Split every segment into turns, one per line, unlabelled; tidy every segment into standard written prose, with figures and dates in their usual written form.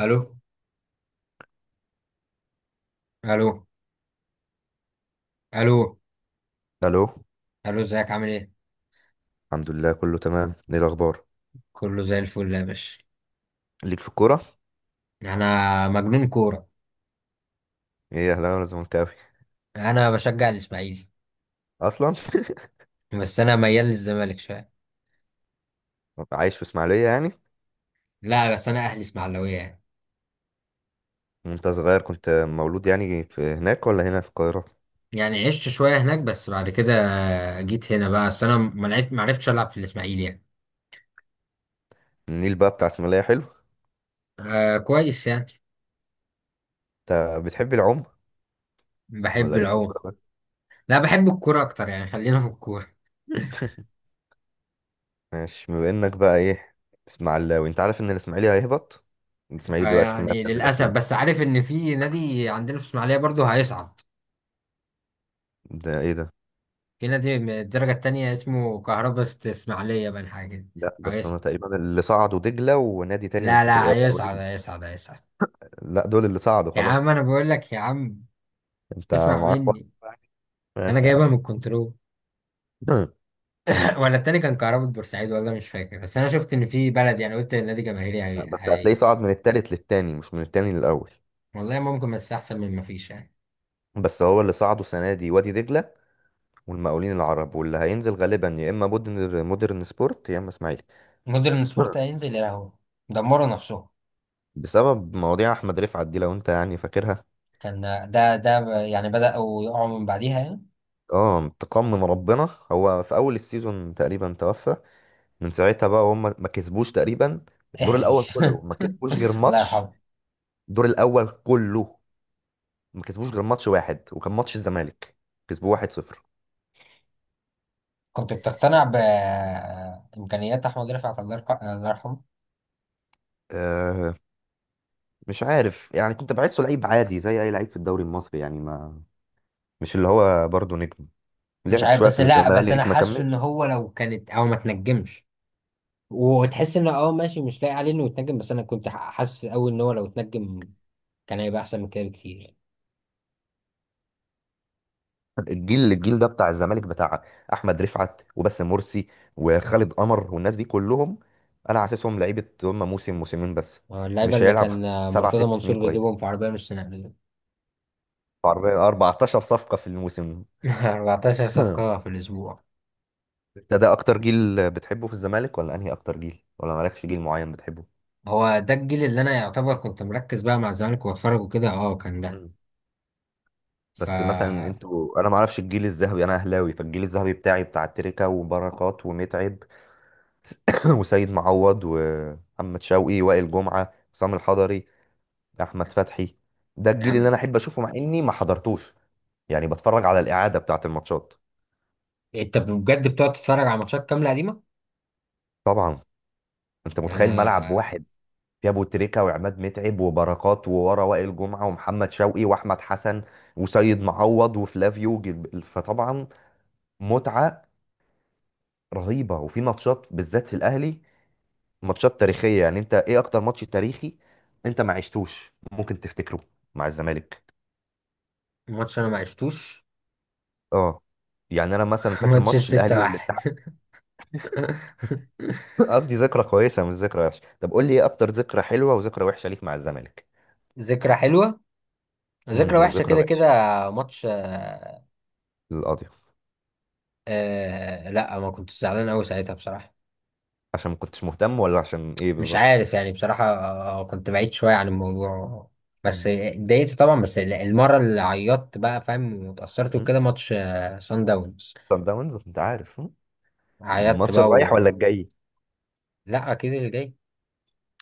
الو. الو. الو.
الو.
الو، ازيك؟ عامل ايه؟
الحمد لله كله تمام، ايه الاخبار؟
كله زي الفل يا باشا.
ليك في الكوره؟
انا مجنون كوره.
ايه، اهلاوي ولا زملكاوي؟
انا بشجع الاسماعيلي،
اصلا
بس انا ميال للزمالك شويه.
عايش في اسماعيليه يعني؟
لا بس انا اهلي اسماعيلاويه يعني.
وانت صغير كنت مولود يعني في هناك ولا هنا في القاهره؟
يعني عشت شويه هناك بس بعد كده جيت هنا بقى، بس انا ما لعبت، ما عرفتش العب في الاسماعيلي يعني.
النيل بقى بتاع اسماعيليه حلو.
آه كويس يعني.
انت بتحب العوم
بحب
ولا ليك في
العوم.
الكوره بقى؟
لا بحب الكوره اكتر يعني، خلينا في الكوره.
ماشي، بما انك بقى ايه، اسماعيلاوي، انت عارف ان الاسماعيلي هيهبط؟ الاسماعيلي
آه
دلوقتي في
يعني
المركز
للاسف،
الاخير.
بس عارف ان في نادي عندنا في اسماعيليه برضو هيصعد.
ده ايه ده؟
في نادي من الدرجة التانية اسمه كهرباء اسماعيلية بقى، حاجة كده.
لا بس انا
هيصعد.
تقريبا اللي صعدوا دجله ونادي تاني انا
لا
مش فاكر، ايه،
لا، هيصعد
مقاولين.
هيصعد هيصعد.
لا دول اللي صعدوا
يا عم
خلاص.
أنا بقول لك يا عم،
انت
اسمع
معاك واحد؟
مني. أنا
ماشي
جايبها من
يا
الكنترول.
عم.
ولا التاني كان كهرباء بورسعيد، ولا مش فاكر، بس أنا شفت إن في بلد يعني، قلت النادي جماهيري.
لا بس هتلاقيه صعد من التالت للتاني مش من التاني للأول.
والله ممكن، بس أحسن من ما فيش يعني.
بس هو اللي صعدوا السنة دي وادي دجلة والمقاولين العرب، واللي هينزل غالبا يا إما مودرن سبورت يا إما إسماعيلي.
مودرن سبورت هينزل، يا لهوي، دمروا نفسهم.
بسبب مواضيع أحمد رفعت دي لو أنت يعني فاكرها.
كان، ده يعني بدأوا يقعوا من بعديها يعني.
اه تقمم، ربنا هو في أول السيزون تقريبا توفى. من ساعتها بقى هم ما كسبوش تقريبا. الدور الأول
احلف.
كله ما كسبوش غير
الله
ماتش.
يرحمه.
الدور الأول كله ما كسبوش غير ماتش واحد، وكان ماتش الزمالك، كسبوه 1-0.
كنت بتقتنع بإمكانيات أحمد رفعت، الله يرحمه.
مش عارف يعني، كنت بحسه لعيب عادي زي اي لعيب في الدوري المصري يعني. ما مش اللي هو برضه نجم؟
مش
لعب
عارف
شويه في
بس لا بس أنا
الزمالك ما
حاسه إن
كملش.
هو لو كانت أو ما تنجمش وتحس إن أه ماشي مش لاقي عليه إنه يتنجم، بس أنا كنت حاسس أوي إن هو لو اتنجم كان هيبقى أحسن من كده بكتير.
الجيل ده بتاع الزمالك، بتاع احمد رفعت وباسم مرسي وخالد قمر والناس دي كلهم، انا حاسسهم لعيبه هم موسم موسمين بس.
آه، اللعيبة
مش
اللي كان،
هيلعب
آه،
سبع
مرتضى
ست سنين
منصور بيجيبهم
كويس.
في عربية نص نقل.
عربية 14 صفقه في الموسم.
14 صفقة في الأسبوع.
انت ده اكتر جيل بتحبه في الزمالك، ولا انهي اكتر جيل، ولا مالكش جيل معين بتحبه؟
هو ده الجيل اللي أنا يعتبر كنت مركز بقى مع الزمالك وأتفرج وكده، أه كان ده. ف
بس مثلا انتوا، انا ما اعرفش، الجيل الذهبي، انا اهلاوي فالجيل الذهبي بتاعي بتاع تريكا وبركات ومتعب وسيد معوض ومحمد شوقي، وائل جمعة، حسام الحضري، احمد فتحي. ده الجيل اللي انا
يعني
احب اشوفه مع اني ما حضرتوش، يعني بتفرج على الاعادة بتاعت الماتشات.
أنت بجد بتقعد تتفرج على ماتشات كاملة قديمة؟
طبعا. انت متخيل ملعب
انا.
واحد فيه ابو تريكة وعماد متعب وبركات، وورا وائل جمعة ومحمد شوقي واحمد حسن وسيد معوض وفلافيو فطبعا متعة رهيبة. وفي ماتشات بالذات في الاهلي، ماتشات تاريخية يعني. انت ايه اكتر ماتش تاريخي انت ما عشتوش ممكن تفتكره مع الزمالك؟
ماتش انا ما عشتوش.
اه. يعني انا مثلا فاكر
ماتش
ماتش
الستة
الاهلي
واحد.
والاتحاد. قصدي ذكرى كويسة مش ذكرى وحشة. طب قول لي ايه اكتر ذكرى حلوة وذكرى وحشة ليك مع الزمالك.
ذكرى حلوة، ذكرى وحشة
وذكرى
كده
وحشة؟
كده. ماتش آه.
للقاضي؟
آه لا، ما كنت زعلان أوي ساعتها بصراحة.
عشان ما كنتش مهتم ولا عشان ايه
مش
بالظبط؟
عارف يعني بصراحة، آه، كنت بعيد شوية عن الموضوع، بس
مم.
اتضايقت طبعا. بس المرة اللي عيطت بقى فاهم واتأثرت
مم.
وكده، ماتش آه سان داونز.
صن داونز، انت عارف.
عيطت
الماتش
بقى،
الرايح ولا الجاي؟
لا أكيد اللي جاي.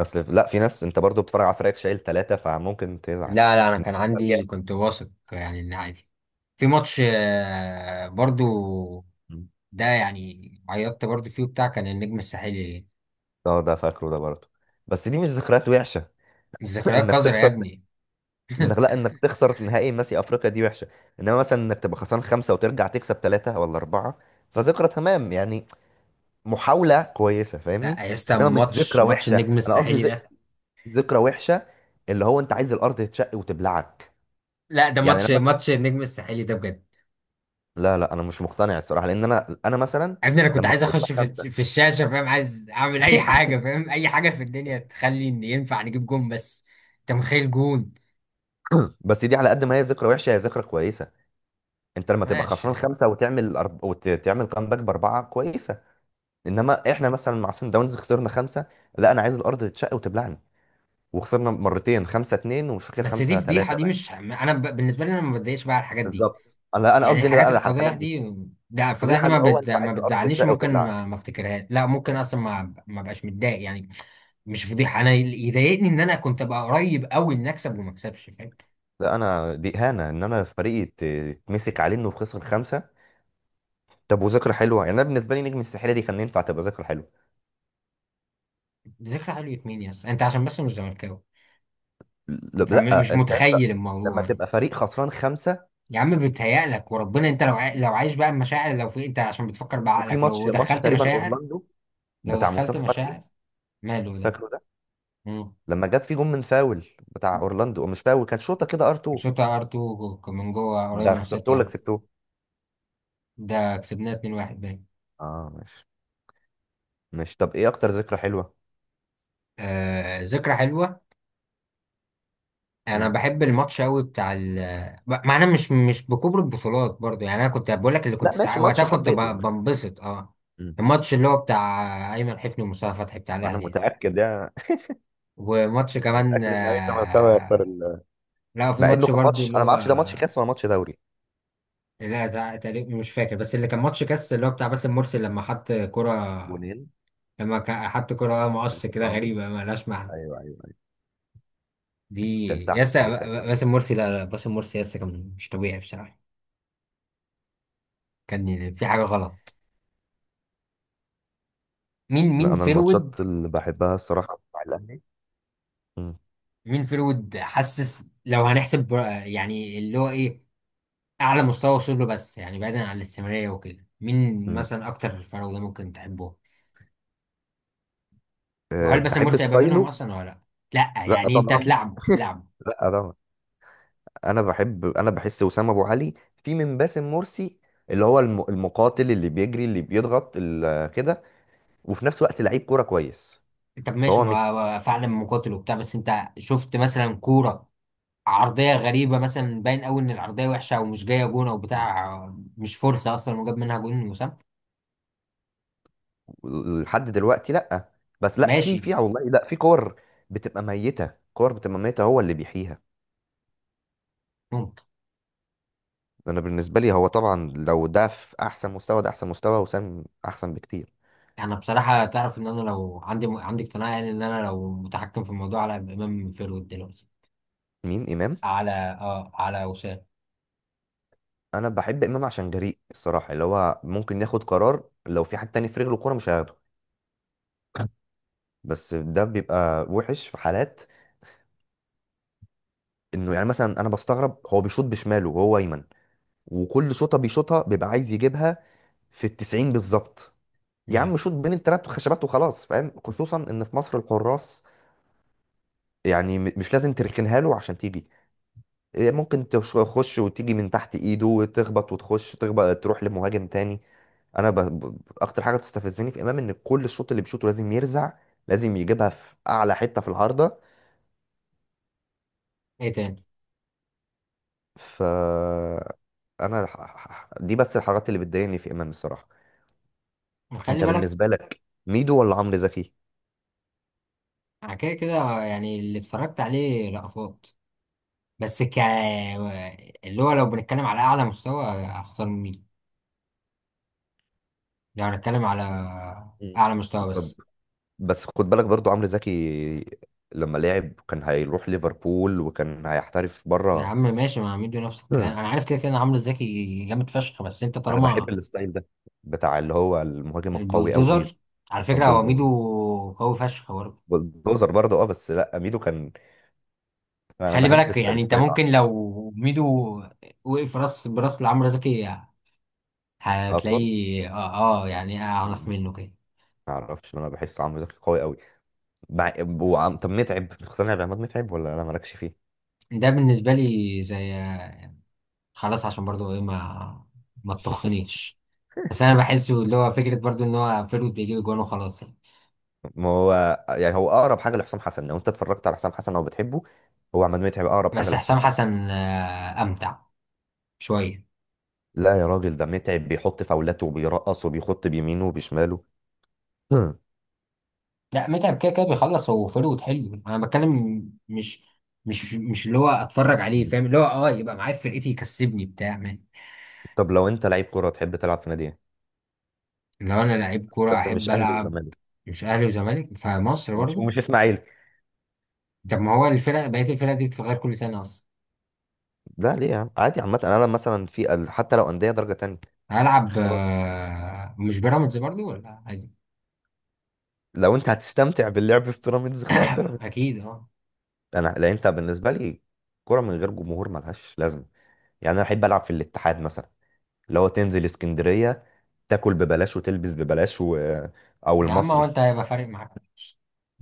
اصل لا، في ناس انت برضو بتتفرج على فريقك شايل ثلاثة فممكن تزعل.
لا لا، أنا
انت
كان عندي،
رجعت.
كنت واثق يعني إن عادي. في ماتش آه برضو
مم.
ده، يعني عيطت برضو فيه، بتاع كان النجم الساحلي.
اه ده فاكره ده برضو. بس دي مش ذكريات وحشة،
ذكريات
انك
قذرة يا
تخسر.
ابني.
انك، لا، انك تخسر نهائي ماسي افريقيا دي وحشه. انما مثلا انك تبقى خسران خمسه وترجع تكسب ثلاثه ولا اربعه، فذكرى تمام يعني، محاوله كويسه، فاهمني؟
لا يا اسطى،
انما مش
ماتش
ذكرى
ماتش
وحشه.
النجم
انا قصدي
الساحلي ده.
ذكرى وحشه اللي هو انت عايز الارض تتشق وتبلعك.
لا ده
يعني انا
ماتش
مثلا،
ماتش النجم الساحلي ده بجد.
لا لا، انا مش مقتنع الصراحه، لان انا مثلا
يا ابني انا كنت
لما
عايز
خسرت
اخش في
خمسه
الشاشة، فاهم؟ عايز اعمل اي حاجة، فاهم؟ اي حاجة في الدنيا تخلي ان ينفع نجيب جون بس. انت متخيل جون.
بس دي على قد ما هي ذكرى وحشه هي ذكرى كويسه. انت لما تبقى
ماشي
خسران
يعني.
خمسه وتعمل وتعمل كامباك باربعه كويسه. انما احنا مثلا مع سان داونز خسرنا خمسه، لا انا عايز الارض تتشق وتبلعني. وخسرنا مرتين خمسة اتنين، ومش فاكر
بس دي
خمسة
فضيحة
تلاتة
دي،
باين.
مش انا بالنسبة لي انا ما بتضايقش بقى على الحاجات دي.
بالظبط، انا
يعني
قصدي ان بقى
الحاجات
على
الفضايح
الحاجات دي.
دي، ده الفضايح
فضيحه
دي
ان هو انت
ما
عايز الارض
بتزعلنيش،
تتشق
وممكن
وتبلعك.
ما افتكرهاش، لا ممكن اصلا ما بقاش متضايق يعني. مش فضيحه. انا اللي يضايقني ان انا كنت ابقى قريب قوي ان اكسب وما اكسبش، فاهم؟
لا انا دي اهانه، ان انا فريقي تمسك عليه انه خسر خمسه. طب وذكرى حلوه؟ يعني انا بالنسبه لي نجم الساحليه دي كان ينفع تبقى ذكرى حلوه.
ذكرى حلوة مين يا اسطى، انت عشان بس مش زملكاوي
لا
فمش
لا، انت يا اسطى،
متخيل
لما
الموضوع يعني.
تبقى فريق خسران خمسه.
يا عم بيتهيألك وربنا، انت لو لو عايش بقى المشاعر، لو في انت عشان بتفكر
وفي
بعقلك، لو
ماتش
دخلت
تقريبا
مشاعر،
اورلاندو
لو
بتاع
دخلت
مصطفى فتحي،
مشاعر. ماله ده؟
فاكره؟
مم.
لما جاب فيه جون من فاول بتاع اورلاندو، أو مش فاول، كان شوطه كده ار 2.
شوطة ار 2 من جوه قريب
ده
من
خسرته
6
ولا
ار.
كسبته؟
ده كسبناه 2-1 باين.
اه ماشي، ماشي. طب ايه اكتر ذكرى حلوه؟
آه ذكرى حلوة. انا
مم.
بحب الماتش قوي بتاع مع انا مش بكبر البطولات برضو يعني، انا كنت بقول لك اللي كنت
لا ماشي،
وقتها
ماتش
كنت
حبيته يعني.
بنبسط اه.
مم.
الماتش اللي هو بتاع ايمن حفني ومصطفى فتحي بتاع
انا
الاهلي.
متاكد يعني.
وماتش
أنا
كمان
متاكد ان اي زملكاوي هيختار
آه. لا في
مع انه
ماتش
كان
برضو
ماتش
اللي
انا ما
هو،
اعرفش ده ماتش كاس ولا ماتش دوري.
لا تقريبا مش فاكر، بس اللي كان ماتش كاس اللي هو بتاع باسم مرسي لما حط كرة،
جونين،
لما حط كرة
في
مقص كده
اكرامي.
غريبة ما لهاش معنى.
ايوه ايوه ايوه.
دي
كان سعد
ياسا.
سمير ساعتها مدرب.
باسم مرسي، لا لا، باسم مرسي ياسا كان مش طبيعي بصراحة. كان في حاجة غلط. مين
لا
مين
انا
فيرود.
الماتشات اللي بحبها الصراحه بتاع الاهلي. مم.
مين فيرود حاسس لو هنحسب يعني اللي هو ايه اعلى مستوى وصل له، بس يعني بعيدا عن الاستمراريه وكده، مين
مم.
مثلا اكتر فروضه ممكن تحبه؟
أه،
وهل باسم
بحب
مرسي هيبقى منهم
ستايله.
اصلا ولا؟ لا لا
لا
يعني انت
طبعا،
تلعبه تلعبه.
لا طبعا. انا بحب، انا بحس وسام ابو علي في من باسم مرسي، اللي هو المقاتل اللي بيجري اللي بيضغط كده، وفي نفس الوقت لعيب كوره كويس.
طب ماشي،
فهو
ما
ميكس.
ما فعلا مقاتل وبتاع، بس انت شفت مثلا كوره عرضيه غريبه مثلا باين قوي ان العرضيه وحشه او مش جايه جون او بتاع، مش فرصه اصلا وجاب منها جون وسام؟
لحد دلوقتي لا، بس لا في، في
ماشي.
والله لا، في كور بتبقى ميته، كور بتبقى ميته هو اللي بيحييها. انا بالنسبه لي، هو طبعا لو ده في احسن مستوى ده احسن مستوى، وسام احسن بكتير.
انا بصراحه تعرف ان انا لو عندي اقتناع يعني، ان انا لو متحكم في الموضوع على امام فيرود دلوقتي
مين امام؟
على، اه، على وسام.
انا بحب امام عشان جريء الصراحه، اللي هو ممكن ياخد قرار لو في حد تاني في رجله كوره مش هياخده. بس ده بيبقى وحش في حالات، انه يعني مثلا انا بستغرب هو بيشوط بشماله وهو ايمن، وكل شوطه بيشوطها بيبقى عايز يجيبها في التسعين بالظبط. يا
نعم.
عم شوط بين التلات خشبات وخلاص، فاهم؟ خصوصا ان في مصر الحراس، يعني مش لازم تركنها له عشان تيجي. إيه، ممكن تخش وتيجي من تحت ايده وتخبط، وتخش تخبط تروح لمهاجم تاني. انا ب... ب... اكتر حاجه بتستفزني في امام ان كل الشوط اللي بيشوطه لازم يرزع، لازم يجيبها في اعلى حته في العارضه.
ايه تاني؟
ف انا ح- ح- ح- دي بس الحاجات اللي بتضايقني في امام الصراحه.
خلي
انت
بالك.
بالنسبه لك ميدو ولا عمرو زكي؟
انا كده كده يعني اللي اتفرجت عليه لقطات، بس ك اللي هو لو بنتكلم على اعلى مستوى اختار مين، لو هنتكلم على
مم.
اعلى مستوى
طب
بس.
بس خد بالك برضو عمرو زكي لما لعب كان هيروح ليفربول وكان هيحترف
يا
بره.
عم ماشي، ما ميدو نفس
مم.
الكلام، انا عارف كده كده ان عمرو الزكي جامد فشخ، بس انت
انا بحب
طالما
الستايل ده بتاع اللي هو المهاجم القوي قوي،
البولدوزر. على فكره هو ميدو
البلدوزر.
قوي فشخ برضه.
بلدوزر برضه، اه، بس لا ميدو كان. انا
خلي
بحب
بالك، يعني انت
الستايل.
ممكن لو ميدو وقف راس براس لعمرو زكي
اطول.
هتلاقيه اه، آه يعني اعرف
مم.
منه كده.
ما اعرفش، انا بحس عمرو زكي قوي قوي. مع... طب متعب، بتقتنع بعماد متعب ولا انا مالكش فيه؟
ده بالنسبه لي زي، خلاص عشان برضو ايه، ما تطخنيش، بس انا بحسه اللي هو فكره برضو ان هو فيرود بيجيب جوان وخلاص يعني.
ما هو يعني هو اقرب حاجه لحسام حسن. لو انت اتفرجت على حسام حسن او بتحبه، هو عماد متعب اقرب حاجه
بس حسام
لحسام حسن.
حسن آه امتع شويه.
لا يا راجل، ده متعب بيحط فاولاته وبيرقص وبيخط بيمينه وبشماله. هم.
لا متعب كده كده بيخلص، هو فيرود حلو انا بتكلم، مش، مش اللي هو اتفرج عليه، فاهم؟ اللي هو اه يبقى معايا في فرقتي يكسبني بتاع.
طب لو انت لعيب كوره تحب تلعب في نادي ايه،
لو انا لعيب كوره
بس
احب
مش اهلي
العب
وزمالك؟
مش اهلي وزمالك فمصر
ومش
برضه.
مش اسماعيلي.
طب ما هو الفرق، بقيه الفرق دي بتتغير كل سنه اصلا.
لا ليه يا عم، عادي عامه، انا مثلا في حتى لو انديه درجه تانية.
هلعب
اختار.
آه، مش بيراميدز برضه ولا عادي؟
لو انت هتستمتع باللعب في بيراميدز اختار بيراميدز.
اكيد اه.
انا لا، انت بالنسبه لي كوره من غير جمهور ملهاش لازمه. يعني انا احب العب في الاتحاد مثلا، اللي هو تنزل اسكندرية، تاكل ببلاش وتلبس ببلاش و... او
يا عم هو
المصري.
انت هيبقى فارق معاك فلوس.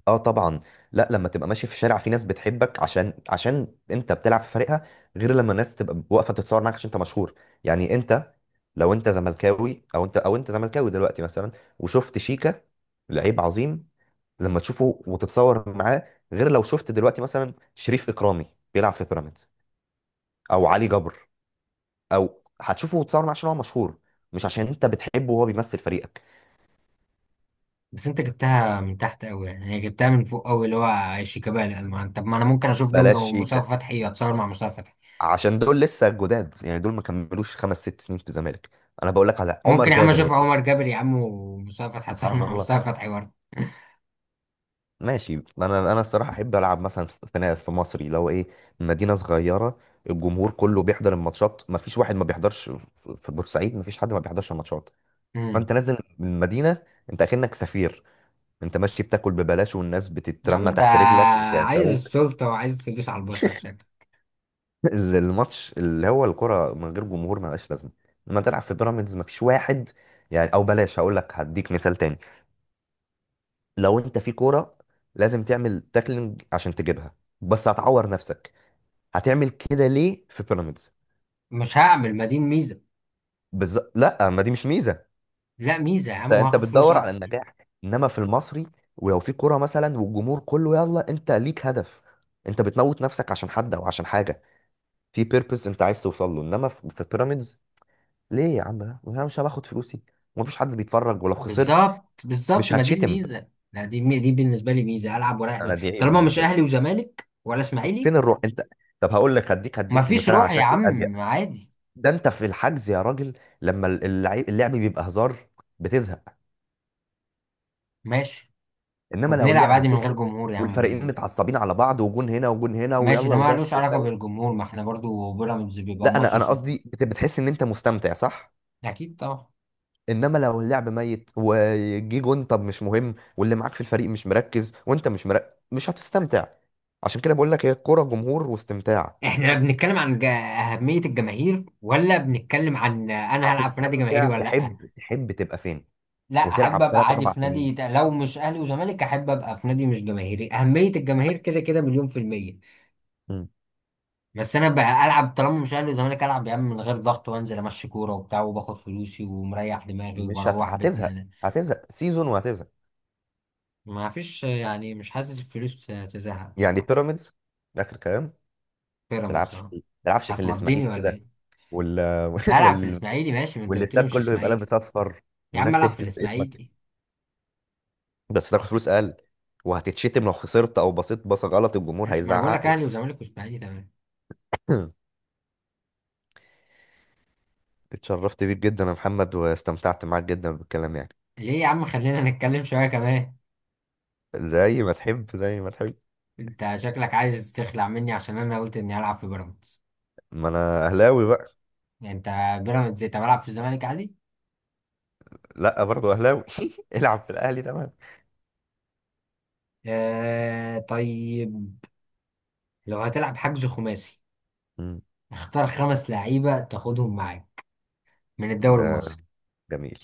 اه طبعا. لا لما تبقى ماشي في الشارع، في ناس بتحبك عشان، عشان انت بتلعب في فريقها، غير لما الناس تبقى واقفة تتصور معاك عشان انت مشهور. يعني انت، لو انت زملكاوي، او انت، او انت زملكاوي دلوقتي مثلا وشفت شيكا، لعيب عظيم، لما تشوفه وتتصور معاه، غير لو شفت دلوقتي مثلا شريف إكرامي بيلعب في بيراميدز او علي جبر، او هتشوفه وتتصور معاه عشان هو مشهور، مش عشان انت بتحبه وهو بيمثل فريقك.
بس انت جبتها من تحت قوي، يعني هي جبتها من فوق قوي اللي هو شيكابالا، ما انت، طب ما انا ممكن اشوف دونجا
بلاش شيكا،
ومصطفى فتحي اتصور مع مصطفى فتحي.
عشان دول لسه جداد يعني، دول ما كملوش خمس ست سنين في الزمالك. انا بقول لك على عمر
ممكن يا عم
جابر يا
اشوف
سيدي.
عمر جابر يا عم، ومصطفى فتحي اتصور
سبحان
مع
الله.
مصطفى فتحي برضه.
ماشي، انا الصراحه احب العب مثلا في، في، في مصري لو ايه، مدينه صغيره، الجمهور كله بيحضر الماتشات ما فيش واحد ما بيحضرش، في، في بورسعيد ما فيش حد ما بيحضرش الماتشات. فانت
امم.
نازل من المدينه، انت اكنك سفير، انت ماشي بتاكل ببلاش والناس
يا عم
بتترمى
انت
تحت رجلك
عايز
وتعشقوك.
السلطه وعايز تدوس على البشر شكلك.
الماتش اللي هو الكرة من غير جمهور ملهاش لازمة. لما تلعب في بيراميدز مفيش واحد يعني، او بلاش هقول لك هديك مثال تاني. لو انت في كورة لازم تعمل تاكلينج عشان تجيبها بس هتعور نفسك، هتعمل كده ليه في بيراميدز؟
مش هعمل، ما دي الميزه.
لا ما دي مش ميزة.
لا ميزه يا
انت،
عم،
انت
وهاخد فلوس
بتدور على
اكتر.
النجاح. انما في المصري، ولو في كورة مثلا والجمهور كله يلا، انت ليك هدف، انت بتموت نفسك عشان حد او عشان حاجة. في بيربز انت عايز توصل له، انما في، في بيراميدز ليه يا عم؟ لا، انا مش هاخد فلوسي ومفيش حد بيتفرج، ولو خسرت
بالظبط بالظبط،
مش
ما دي
هتشتم.
الميزه، لا دي بالنسبه لي ميزه، العب ورايح
انا
دماغي.
دي عيب
طالما مش
بالنسبه لي.
اهلي وزمالك ولا اسماعيلي.
فين الروح انت؟ طب هقول لك هديك، هديك
مفيش
مثال على
روح يا
شكل اضيق.
عم، عادي.
ده انت في الحجز يا راجل، لما اللعب، اللعب بيبقى هزار، بتزهق.
ماشي.
انما لو
وبنلعب
اللعب
عادي من غير
سخن
جمهور يا
والفريقين
عم.
متعصبين على بعض وجون هنا وجون هنا
ماشي،
ويلا
ده ما
ودافع
لوش علاقه
وفاول.
بالجمهور، ما احنا برضو بيراميدز بيبقى
لا
ماتش
انا
سخن.
قصدي بتحس ان انت مستمتع صح.
اكيد طبعا.
انما لو اللعب ميت وجي جون طب مش مهم، واللي معاك في الفريق مش مركز وانت مش مركز مش هتستمتع. عشان كده بقول لك هي الكوره جمهور واستمتاع.
احنا بنتكلم عن اهميه الجماهير، ولا بنتكلم عن انا هلعب في نادي جماهيري
هتستمتع،
ولا لا؟
تحب، تحب تبقى فين؟
لا، احب
وتلعب
ابقى
ثلاث
عادي
اربع
في
سنين.
نادي لو مش اهلي وزمالك احب ابقى في نادي مش جماهيري، اهميه الجماهير كده كده مليون في الميه.
مم.
بس انا بقى العب طالما مش اهلي وزمالك، العب يا عم من غير ضغط وانزل امشي كوره وبتاع، وباخد فلوسي ومريح دماغي
مش هت...
وبروح بيتنا
هتزهق،
انا.
هتزهق سيزون وهتزهق.
ما فيش يعني، مش حاسس الفلوس تزهق
يعني
بصراحه.
بيراميدز اخر كلام؟
بيراميدز اه.
تلعبش في
هتمضيني
الاسماعيلي
ولا
كده،
ايه؟
وال...
العب في
وال...
الاسماعيلي، ماشي ما انت قلت لي
والاستاد
مش
كله يبقى
اسماعيلي.
لابس اصفر
يا عم
والناس
العب في
تهتف باسمك،
الاسماعيلي.
بس تاخد فلوس اقل وهتتشتم لو خسرت او بصيت بصه غلط الجمهور
ماشي، ما انا بقول لك
هيزعق.
اهلي وزمالك واسماعيلي تمام.
اتشرفت بيك جدا يا محمد، واستمتعت معاك جدا بالكلام يعني.
ليه يا عم؟ خلينا نتكلم شويه كمان.
زي ما تحب زي ما تحب.
انت شكلك عايز تخلع مني عشان انا قلت اني هلعب في بيراميدز.
ما انا اهلاوي بقى.
يعني انت بيراميدز، انت بلعب في الزمالك عادي.
لا برضو اهلاوي. العب في الاهلي تمام.
آه طيب. لو هتلعب حجز خماسي
مم.
اختار خمس لعيبه تاخدهم معاك من الدوري
ده
المصري.
جميل.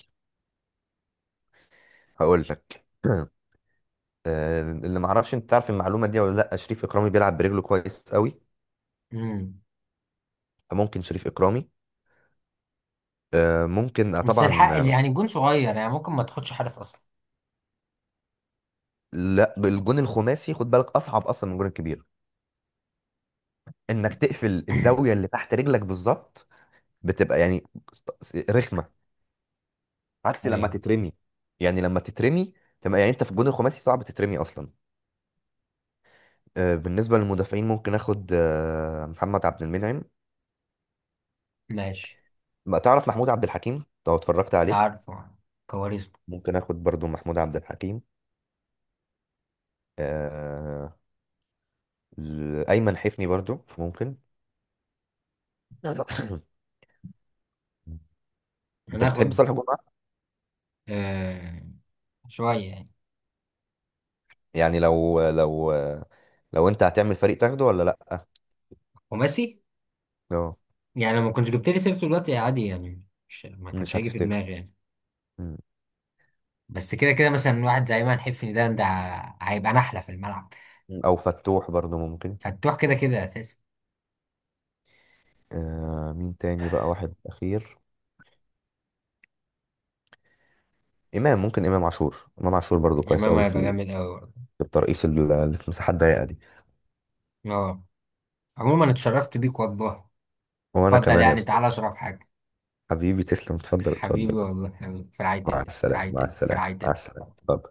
هقول لك آه، اللي ما اعرفش انت تعرف المعلومه دي ولا لا، شريف اكرامي بيلعب برجله كويس قوي.
امم.
ممكن شريف اكرامي. آه، ممكن آه،
بس
طبعا
الحق اللي
آه،
يعني جون صغير يعني ممكن ما تاخدش حارس اصلا.
لا الجون الخماسي خد بالك اصعب اصلا من الجون الكبير، انك تقفل الزاويه اللي تحت رجلك بالظبط. بتبقى يعني رخمه، عكس لما
ايوه.
تترمي. يعني لما تترمي تبقى يعني، انت في الجون الخماسي صعب تترمي اصلا. آه، بالنسبه للمدافعين ممكن اخد آه، محمد عبد المنعم.
ماشي.
ما تعرف محمود عبد الحكيم، لو اتفرجت عليه.
عارفه، كواريسما.
ممكن اخد برضو محمود عبد الحكيم. آه، ايمن حفني برضو ممكن. انت بتحب
هناخد،
صالح جمعه؟
آه، شويه يعني.
يعني لو لو، لو انت هتعمل فريق تاخده ولا لا؟
خماسي،
اه.
يعني لو ما كنتش جبت لي سيرته دلوقتي عادي يعني، مش ما كانش
مش
هيجي في
هتفتكر.
دماغي يعني. بس كده كده مثلا واحد زي ايمن حفني، ده هيبقى نحله في الملعب.
او فتوح برضو ممكن.
فتروح كده كده اساسي.
آه، مين تاني بقى، واحد اخير. امام ممكن، امام عاشور، امام عاشور برضو كويس
امام
قوي في
هيبقى جامد قوي برضه.
في الترقيص اللي في مساحات ضيقه دي.
اه. عموما اتشرفت بيك والله.
وانا
اتفضل
كمان يا
يعني،
استاذ.
تعالى اشرب حاجه.
حبيبي تسلم، اتفضل
حبيبي
اتفضل.
والله، يلا، في رعايه
مع
الله، في
السلامه،
رعايه
مع
الله، في
السلامه،
رعايه
مع السلامه،
الله.
اتفضل.